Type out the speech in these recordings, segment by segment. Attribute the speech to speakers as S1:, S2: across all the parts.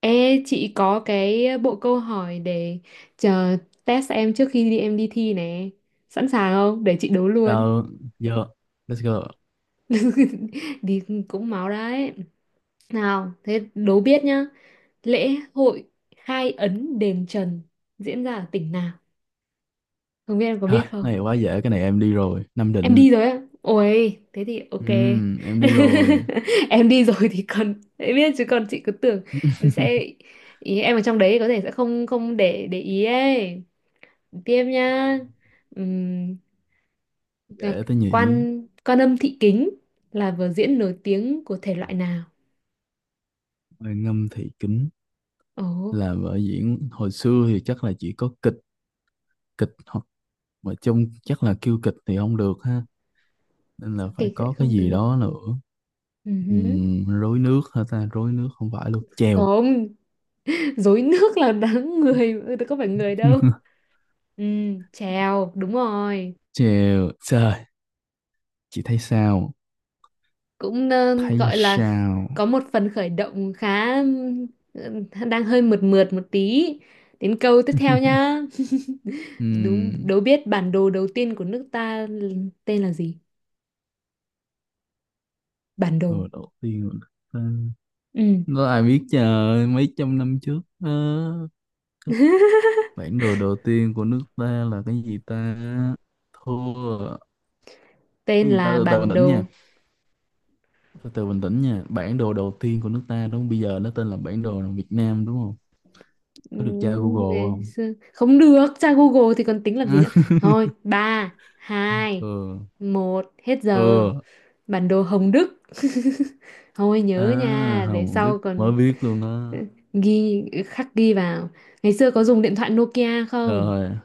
S1: Ê, chị có cái bộ câu hỏi để chờ test em trước khi em đi thi nè. Sẵn sàng không? Để chị đố luôn.
S2: Rồi, giờ let's go.
S1: Đi cũng máu đấy. Nào, thế đố biết nhá. Lễ hội khai ấn đền Trần diễn ra ở tỉnh nào? Không biết em có
S2: Thôi,
S1: biết không?
S2: này quá dễ, cái này em đi rồi. Nam
S1: Em
S2: Định.
S1: đi rồi á. Ôi, thế thì ok.
S2: Em đi rồi.
S1: Em đi rồi thì còn em biết chứ còn chị cứ tưởng em sẽ ý em ở trong đấy có thể sẽ không không để ý ấy. Tiếp nhá. Ừm, là
S2: Dễ tới nhỉ.
S1: quan quan Âm Thị Kính là vở diễn nổi tiếng của thể loại nào?
S2: Bài ngâm thị kính
S1: Ồ.
S2: là vở diễn hồi xưa thì chắc là chỉ có kịch, kịch hoặc mà chung chắc là kêu kịch thì không được ha. Nên là
S1: Sao
S2: phải
S1: kịch lại
S2: có cái
S1: không
S2: gì
S1: được?
S2: đó nữa.
S1: Ừ hứ.
S2: Rối nước hả ta? Rối nước không phải luôn. Chèo.
S1: Không. Rối nước là đáng người, ừ, có phải người đâu. Ừ, chèo đúng rồi.
S2: Chèo. Trời, chị thấy sao?
S1: Cũng
S2: Thấy
S1: gọi là
S2: sao?
S1: có một phần khởi động khá, ừ, đang hơi mượt mượt một tí. Đến câu tiếp theo nhá. Đúng.
S2: Ừm,
S1: Đố biết bản đồ đầu tiên của nước ta tên là gì? Bản đồ.
S2: rồi đầu tiên là ta.
S1: Ừ.
S2: Đó ai biết, trời mấy trăm năm trước á, cái bản đồ đầu tiên của nước ta là cái gì ta, thua.
S1: Tên
S2: Cái gì ta,
S1: là
S2: từ từ bình
S1: bản
S2: tĩnh
S1: đồ.
S2: nha, từ từ bình tĩnh nha, bản đồ đầu tiên của nước ta đúng không? Bây giờ nó tên là bản đồ Việt Nam đúng không? Có được tra
S1: Ừm,
S2: Google
S1: ngày
S2: không?
S1: xưa. Không được, tra Google thì còn tính làm gì nữa. Thôi, ba hai
S2: Ừ.
S1: một hết giờ.
S2: Ừ.
S1: Bản đồ Hồng Đức. Thôi
S2: À
S1: nhớ nha, để
S2: Hồng
S1: sau
S2: Đức
S1: còn
S2: mới biết luôn
S1: ừ,
S2: đó.
S1: khắc ghi vào. Ngày xưa có dùng điện thoại Nokia không?
S2: Rồi.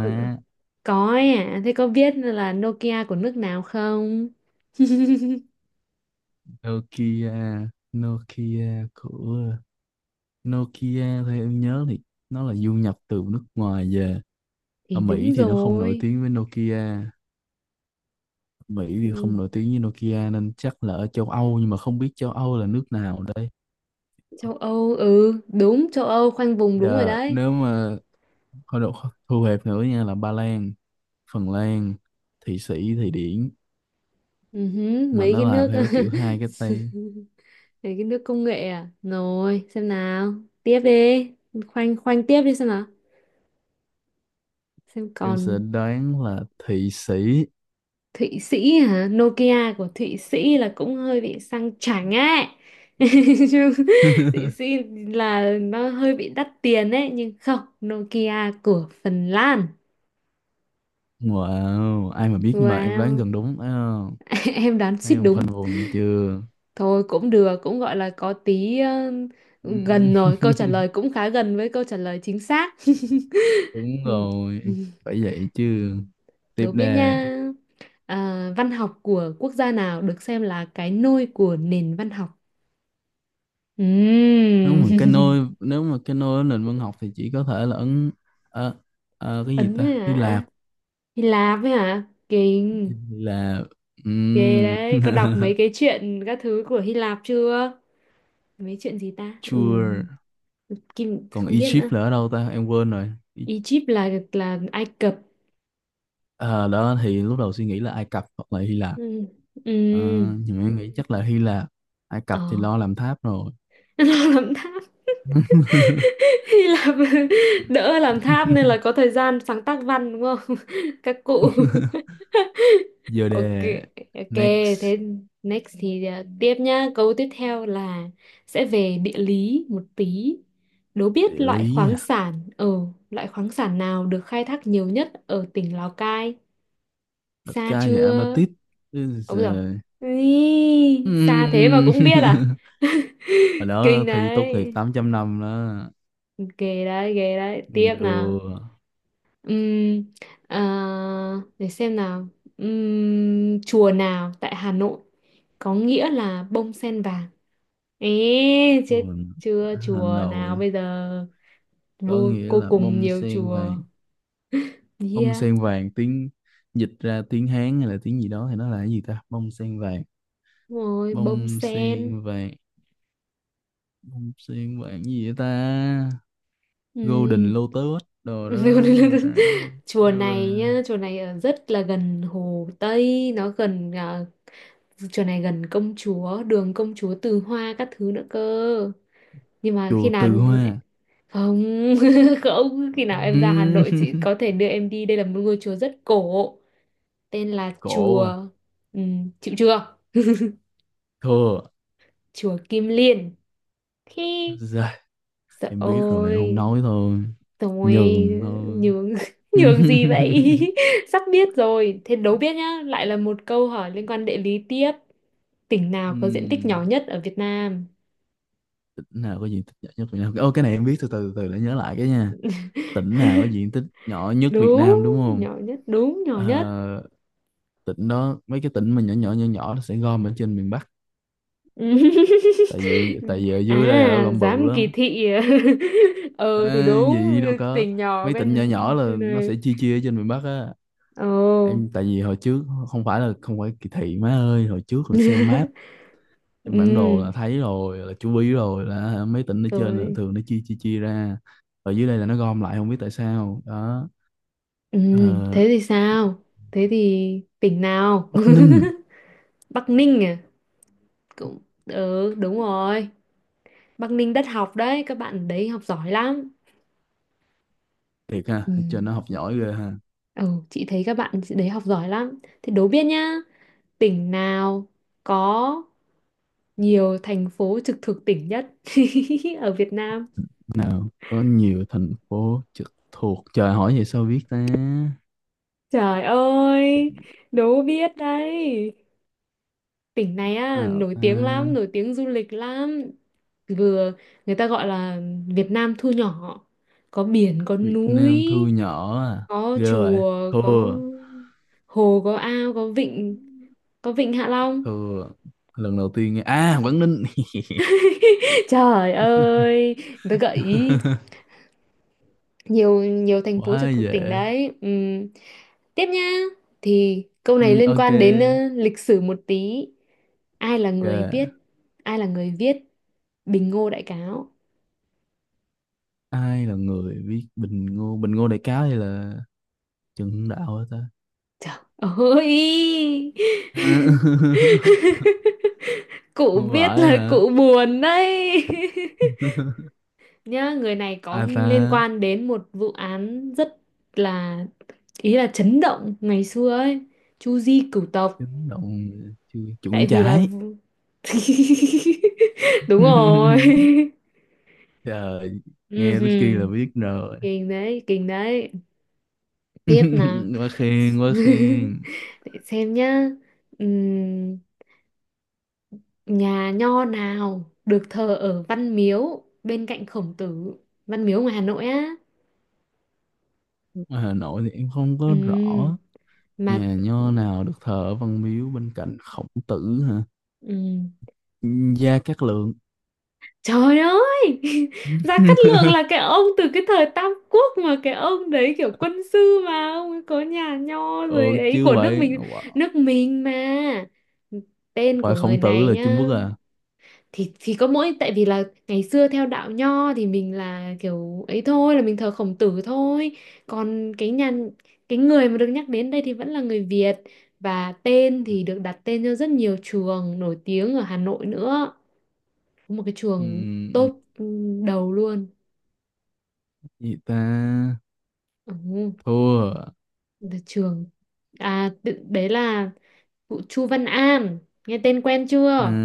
S1: Ừ. Có ấy à, thế có biết là Nokia của nước nào không?
S2: Nokia. Nokia của. Theo em nhớ thì nó là du nhập từ nước ngoài về, ở
S1: Thì
S2: Mỹ
S1: đúng
S2: thì nó không nổi
S1: rồi.
S2: tiếng với Nokia. Mỹ thì
S1: Ừ.
S2: không nổi tiếng với Nokia nên chắc là ở châu Âu, nhưng mà không biết châu Âu là nước nào đây.
S1: Châu Âu, ừ, đúng, châu Âu khoanh vùng đúng rồi
S2: Giờ
S1: đấy.
S2: nếu mà thôi độ Thu hẹp nữa nha, là Ba Lan, Phần Lan, Thụy Sĩ, Thụy Điển,
S1: Ừ hứ,
S2: mà
S1: mấy cái
S2: nó làm
S1: nước.
S2: theo kiểu hai cái tay.
S1: Mấy cái nước công nghệ à. Rồi xem nào. Tiếp đi. Khoanh khoanh tiếp đi, xem nào, xem
S2: Em sẽ
S1: còn.
S2: đoán là Thụy Sĩ.
S1: Thụy Sĩ hả? Nokia của Thụy Sĩ là cũng hơi bị sang chảnh ấy. Chứ Thụy Sĩ là nó hơi bị đắt tiền ấy, nhưng không. Nokia của Phần Lan.
S2: Wow, ai mà biết, nhưng mà em đoán
S1: Wow.
S2: gần đúng thấy không?
S1: Em đoán suýt
S2: Thấy không,
S1: đúng.
S2: khoanh vùng chưa?
S1: Thôi cũng được, cũng gọi là có tí gần
S2: Ừm,
S1: rồi, câu trả lời cũng khá gần với câu trả lời chính xác.
S2: đúng rồi, phải vậy chứ. Tiếp
S1: Đố biết
S2: đề.
S1: nha. À, văn học của quốc gia nào được xem là cái nôi của nền văn học? Ừm.
S2: Nếu mà cái nơi ở nền văn học thì chỉ có thể là ấn, ờ, cái gì
S1: Ấn
S2: ta,
S1: ấy
S2: Hy
S1: hả?
S2: Lạp.
S1: Hy Lạp ấy hả? Kinh.
S2: Là
S1: Ghê
S2: um,
S1: đấy, có đọc mấy cái chuyện các thứ của Hy Lạp chưa? Mấy chuyện gì ta?
S2: sure.
S1: Kim
S2: Còn
S1: không biết nữa.
S2: Egypt là ở đâu ta, em quên rồi. Ý-
S1: Egypt là Ai Cập.
S2: Ờ, đó thì lúc đầu suy nghĩ là Ai Cập hoặc là Hy Lạp.
S1: Ừ. Ừ.
S2: Ờ, nhưng mà em nghĩ chắc là Hy Lạp. Ai Cập
S1: Ờ.
S2: thì lo làm tháp rồi.
S1: Lo làm tháp. Hy Lạp đỡ làm tháp nên là có thời gian sáng tác văn đúng không, các cụ.
S2: Giờ
S1: Ok,
S2: đề.
S1: ok.
S2: Next.
S1: Thế next thì à, tiếp nhá, câu tiếp theo là sẽ về địa lý một tí. Đố biết
S2: Địa lý à?
S1: loại khoáng sản nào được khai thác nhiều nhất ở tỉnh Lào Cai. Xa
S2: Đất Cai thì
S1: chưa.
S2: Apatit. Bây
S1: Ông rồi.
S2: giờ-
S1: Ý, xa thế mà
S2: Ừm.
S1: cũng biết à.
S2: Hồi đó
S1: Kinh
S2: thi tốt nghiệp
S1: đấy,
S2: 8 năm đó
S1: ghê đấy, ghê đấy. Tiếp nào.
S2: đưa.
S1: Ừm, à, để xem nào. Chùa nào tại Hà Nội có nghĩa là bông sen vàng? Ê, chết
S2: Buồn. Đã.
S1: chưa,
S2: Hà
S1: chùa nào
S2: Nội,
S1: bây giờ?
S2: có
S1: Vô
S2: nghĩa là
S1: cùng
S2: bông
S1: nhiều
S2: sen vàng.
S1: chùa.
S2: Bông
S1: Yeah.
S2: sen vàng tiếng, dịch ra tiếng Hán hay là tiếng gì đó thì nó là cái gì ta, bông sen vàng.
S1: Đúng rồi, bông
S2: Bông
S1: sen.
S2: sen vàng. Bông sen vàng gì vậy ta?
S1: Ừm.
S2: Golden Lotus đồ đó, cái gì ta, bông
S1: Chùa
S2: sen
S1: này
S2: vàng.
S1: nhá, chùa này ở rất là gần Hồ Tây, nó gần à, chùa này gần công chúa, đường công chúa Từ Hoa các thứ nữa cơ. Nhưng mà khi
S2: Chùa
S1: nào.
S2: Từ Hoa?
S1: Không. Không, khi nào em ra Hà
S2: Ừm,
S1: Nội chị có thể đưa em đi, đây là một ngôi chùa rất cổ. Tên là
S2: cổ
S1: chùa.
S2: à?
S1: Chịu chưa.
S2: Thua.
S1: Chùa Kim Liên. khi
S2: Rồi,
S1: Sợ
S2: em biết rồi mà em không
S1: ôi.
S2: nói thôi.
S1: Rồi.
S2: Nhường thôi.
S1: Nhường. Nhường gì vậy? Sắp biết rồi. Thế đố biết nhá, lại là một câu hỏi liên quan địa lý tiếp. Tỉnh nào có diện tích nhỏ
S2: Ừm,
S1: nhất ở Việt Nam?
S2: tỉnh nào có diện tích nhỏ nhất Việt Nam? Ô, cái này em biết, từ từ từ để nhớ lại cái nha. Tỉnh nào có diện tích nhỏ nhất Việt
S1: Đúng,
S2: Nam đúng không?
S1: nhỏ nhất, đúng nhỏ nhất.
S2: Ờ, tỉnh đó, mấy cái tỉnh mà nhỏ nhỏ nhỏ nhỏ nó sẽ gom ở trên miền Bắc. Tại vì tại vì ở dưới đây là nó
S1: À,
S2: gom bự
S1: dám kỳ
S2: lắm.
S1: thị à? Ờ thì
S2: À,
S1: đúng,
S2: gì đâu có,
S1: tỉnh nhỏ
S2: mấy
S1: bên
S2: tỉnh nhỏ nhỏ
S1: đây
S2: là nó
S1: này.
S2: sẽ chia chia ở trên miền Bắc á.
S1: Ồ.
S2: Em tại vì hồi trước không phải là không phải kỳ thị má ơi, hồi trước là xem map. Trên bản đồ là
S1: Ừ,
S2: thấy rồi, là chú ý rồi, là hả, mấy tỉnh ở trên là
S1: rồi.
S2: thường nó chia chia chia ra. Ở dưới đây là nó gom lại không biết tại sao đó.
S1: Ừ,
S2: Ờ,
S1: thế thì sao? Thế thì tỉnh nào?
S2: Bắc Ninh.
S1: Bắc Ninh à? Cũng, ừ, đúng rồi. Bắc Ninh đất học đấy, các bạn đấy học giỏi lắm.
S2: Thiệt ha,
S1: Ừ.
S2: ở trên nó học giỏi ghê ha.
S1: Ừ, chị thấy các bạn đấy học giỏi lắm. Thế đố biết nhá, tỉnh nào có nhiều thành phố trực thuộc tỉnh nhất ở Việt Nam?
S2: Nào có nhiều thành phố trực thuộc, trời hỏi vậy sao biết ta.
S1: Trời ơi, đố biết đấy, tỉnh này á
S2: Nào
S1: nổi
S2: ta?
S1: tiếng lắm, nổi tiếng du lịch lắm. Vừa người ta gọi là Việt Nam thu nhỏ, có biển có
S2: Việt
S1: núi
S2: Nam thu nhỏ à?
S1: có
S2: Ghê vậy.
S1: chùa có
S2: Thua.
S1: hồ có ao có vịnh, có vịnh Hạ Long.
S2: Thua. Lần đầu tiên nghe à, Quảng Ninh.
S1: Trời ơi, người ta gợi ý nhiều, nhiều thành phố
S2: Quá
S1: trực thuộc tỉnh
S2: dễ.
S1: đấy. Tiếp nha. Thì câu
S2: Ừ,
S1: này liên
S2: ok.
S1: quan đến lịch sử một tí. ai là người viết
S2: Ok.
S1: ai là người viết Bình Ngô Đại Cáo?
S2: Ai là người viết Bình Ngô, Bình Ngô Đại Cáo hay là Trần Hưng Đạo hả ta?
S1: Trời ơi. Cụ
S2: Không
S1: biết
S2: phải
S1: là
S2: hả?
S1: cụ buồn đấy. Nhá, người này có
S2: Ai ta?
S1: liên quan đến một vụ án rất là, ý là chấn động ngày xưa ấy, Chu Di cửu tộc,
S2: Chấn động, chưa.
S1: tại
S2: Nguyễn
S1: vì là
S2: Trãi.
S1: vụ- đúng rồi.
S2: Trời, nghe tới kia là
S1: Ừhừm,
S2: biết rồi.
S1: kinh đấy, kinh đấy. Tiếp nào.
S2: Quá khen quá khen.
S1: Để xem nhá. Ừm, nhà nho nào được thờ ở Văn Miếu bên cạnh Khổng Tử? Văn Miếu ngoài Hà Nội á.
S2: Ở Hà Nội thì em không
S1: Ừ.
S2: có rõ.
S1: Mà.
S2: Nhà nho nào được thờ ở Văn Miếu bên cạnh Khổng Tử hả?
S1: Ừ.
S2: Gia Cát Lượng.
S1: Trời ơi. Gia Cát Lượng là cái ông từ cái thời Tam Quốc mà, cái ông đấy kiểu quân sư mà, ông ấy có nhà nho rồi
S2: Ừ
S1: ấy
S2: chứ
S1: của nước
S2: vậy.
S1: mình.
S2: Không
S1: Nước mình mà. Tên của
S2: phải
S1: người
S2: Khổng Tử
S1: này
S2: là Trung
S1: nhá.
S2: Quốc à?
S1: Thì có mỗi tại vì là ngày xưa theo đạo nho thì mình là kiểu ấy thôi, là mình thờ Khổng Tử thôi. Còn cái người mà được nhắc đến đây thì vẫn là người Việt, và tên thì được đặt tên cho rất nhiều trường nổi tiếng ở Hà Nội nữa, một cái
S2: Ừ,
S1: trường top đầu luôn.
S2: gì ta.
S1: Ừ.
S2: Thua.
S1: Là trường. Đấy là vụ Chu Văn An, nghe tên quen
S2: À,
S1: chưa?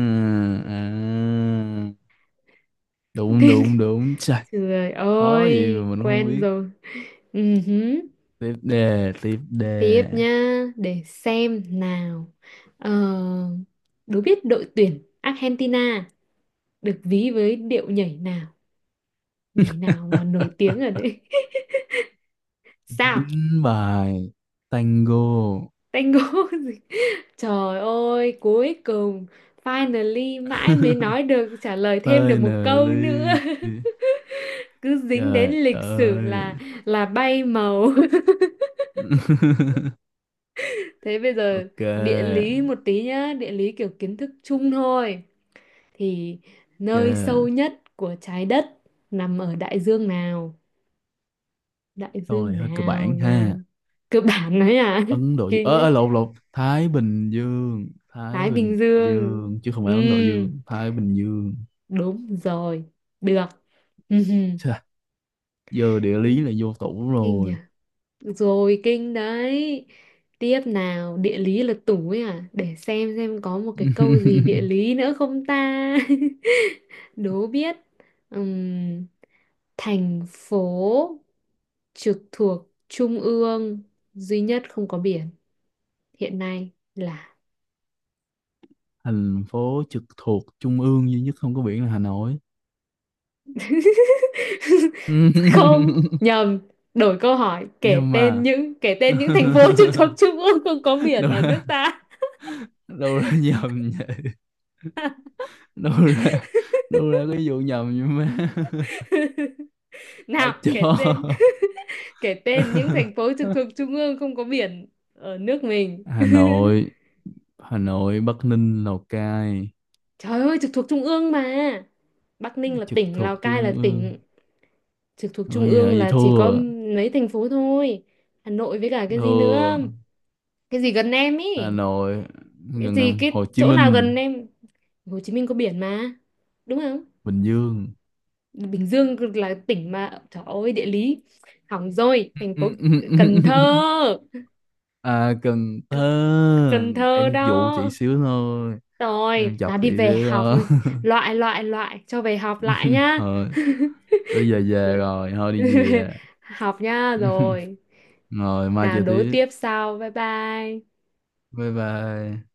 S2: à. Đúng
S1: Tên,
S2: đúng đúng, trời.
S1: trời
S2: Khó gì
S1: ơi,
S2: mà mình không
S1: quen
S2: biết.
S1: rồi. Ừ, hứ.
S2: Tiếp đề, tiếp
S1: Tiếp
S2: đề.
S1: nha, để xem nào. Ờ, đố biết đội tuyển Argentina được ví với điệu nhảy nào, nhảy nào mà nổi tiếng ở đấy. Sao?
S2: Dính bài. Tango.
S1: Tango. Trời ơi, cuối cùng finally mãi mới nói được trả lời thêm
S2: Tơi
S1: được một
S2: nờ
S1: câu
S2: ly.
S1: nữa. Cứ dính đến
S2: Trời
S1: lịch sử
S2: ơi.
S1: là bay màu. Thế bây giờ
S2: Ok.
S1: địa lý một tí nhá, địa lý kiểu kiến thức chung thôi. Thì nơi sâu
S2: Ok.
S1: nhất của trái đất nằm ở đại dương nào? Đại
S2: Câu
S1: dương
S2: này hơi cơ
S1: nào
S2: bản
S1: nào?
S2: ha.
S1: Cơ bản đấy à?
S2: Ấn Độ Dương,
S1: Kinh
S2: ờ
S1: đấy.
S2: ờ, lộn lộn Thái Bình Dương.
S1: Thái Bình Dương.
S2: Chứ không
S1: Ừ,
S2: phải Ấn Độ Dương, Thái Bình Dương.
S1: đúng rồi. Được.
S2: Chà, giờ địa lý là vô tủ
S1: Kinh nhỉ?
S2: rồi.
S1: Rồi kinh đấy. Tiếp nào, địa lý là tủ ấy à? Để xem có một cái câu gì địa lý nữa không ta. Đố biết. Ừm, thành phố trực thuộc trung ương duy nhất không có biển hiện nay là.
S2: Thành phố trực thuộc trung ương duy nhất không có biển là Hà Nội.
S1: Không nhầm, đổi câu hỏi, kể
S2: Nhưng
S1: tên
S2: mà
S1: những kể tên những thành phố trực thuộc trung ương không có biển
S2: đâu
S1: ở nước
S2: ra,
S1: ta.
S2: đâu ra nhầm vậy, đâu ra, đâu ra cái vụ nhầm vậy má? Ai
S1: Nào, kể tên
S2: cho?
S1: kể tên những thành phố trực thuộc trung ương không có biển ở nước mình.
S2: Hà Nội. Hà Nội, Bắc Ninh, Lào Cai.
S1: Trời ơi, trực thuộc trung ương mà. Bắc Ninh là
S2: Trực
S1: tỉnh, Lào
S2: thuộc
S1: Cai là
S2: trung ương.
S1: tỉnh, trực thuộc trung
S2: Ôi giờ
S1: ương
S2: vậy
S1: là chỉ có
S2: thua.
S1: mấy thành phố thôi. Hà Nội với cả cái gì nữa,
S2: Thua.
S1: cái gì gần em
S2: Hà
S1: ý,
S2: Nội,
S1: cái gì,
S2: gần
S1: cái
S2: Hồ Chí
S1: chỗ nào
S2: Minh.
S1: gần em? Hồ Chí Minh có biển mà, đúng không?
S2: Bình Dương.
S1: Bình Dương là tỉnh mà, trời ơi, địa lý hỏng rồi. Thành phố Cần Thơ.
S2: À Cần Thơ.
S1: Cần Thơ
S2: Em dụ chị
S1: đó.
S2: xíu thôi. Em
S1: Rồi,
S2: chọc
S1: nào
S2: chị
S1: đi về
S2: xíu
S1: học.
S2: thôi.
S1: Loại, loại, loại, cho về học lại nhá.
S2: Thôi tới giờ về rồi, thôi đi về.
S1: Học nhá rồi.
S2: Rồi mai
S1: Nào
S2: chơi
S1: đối
S2: tiếp.
S1: tiếp sau. Bye bye.
S2: Bye bye.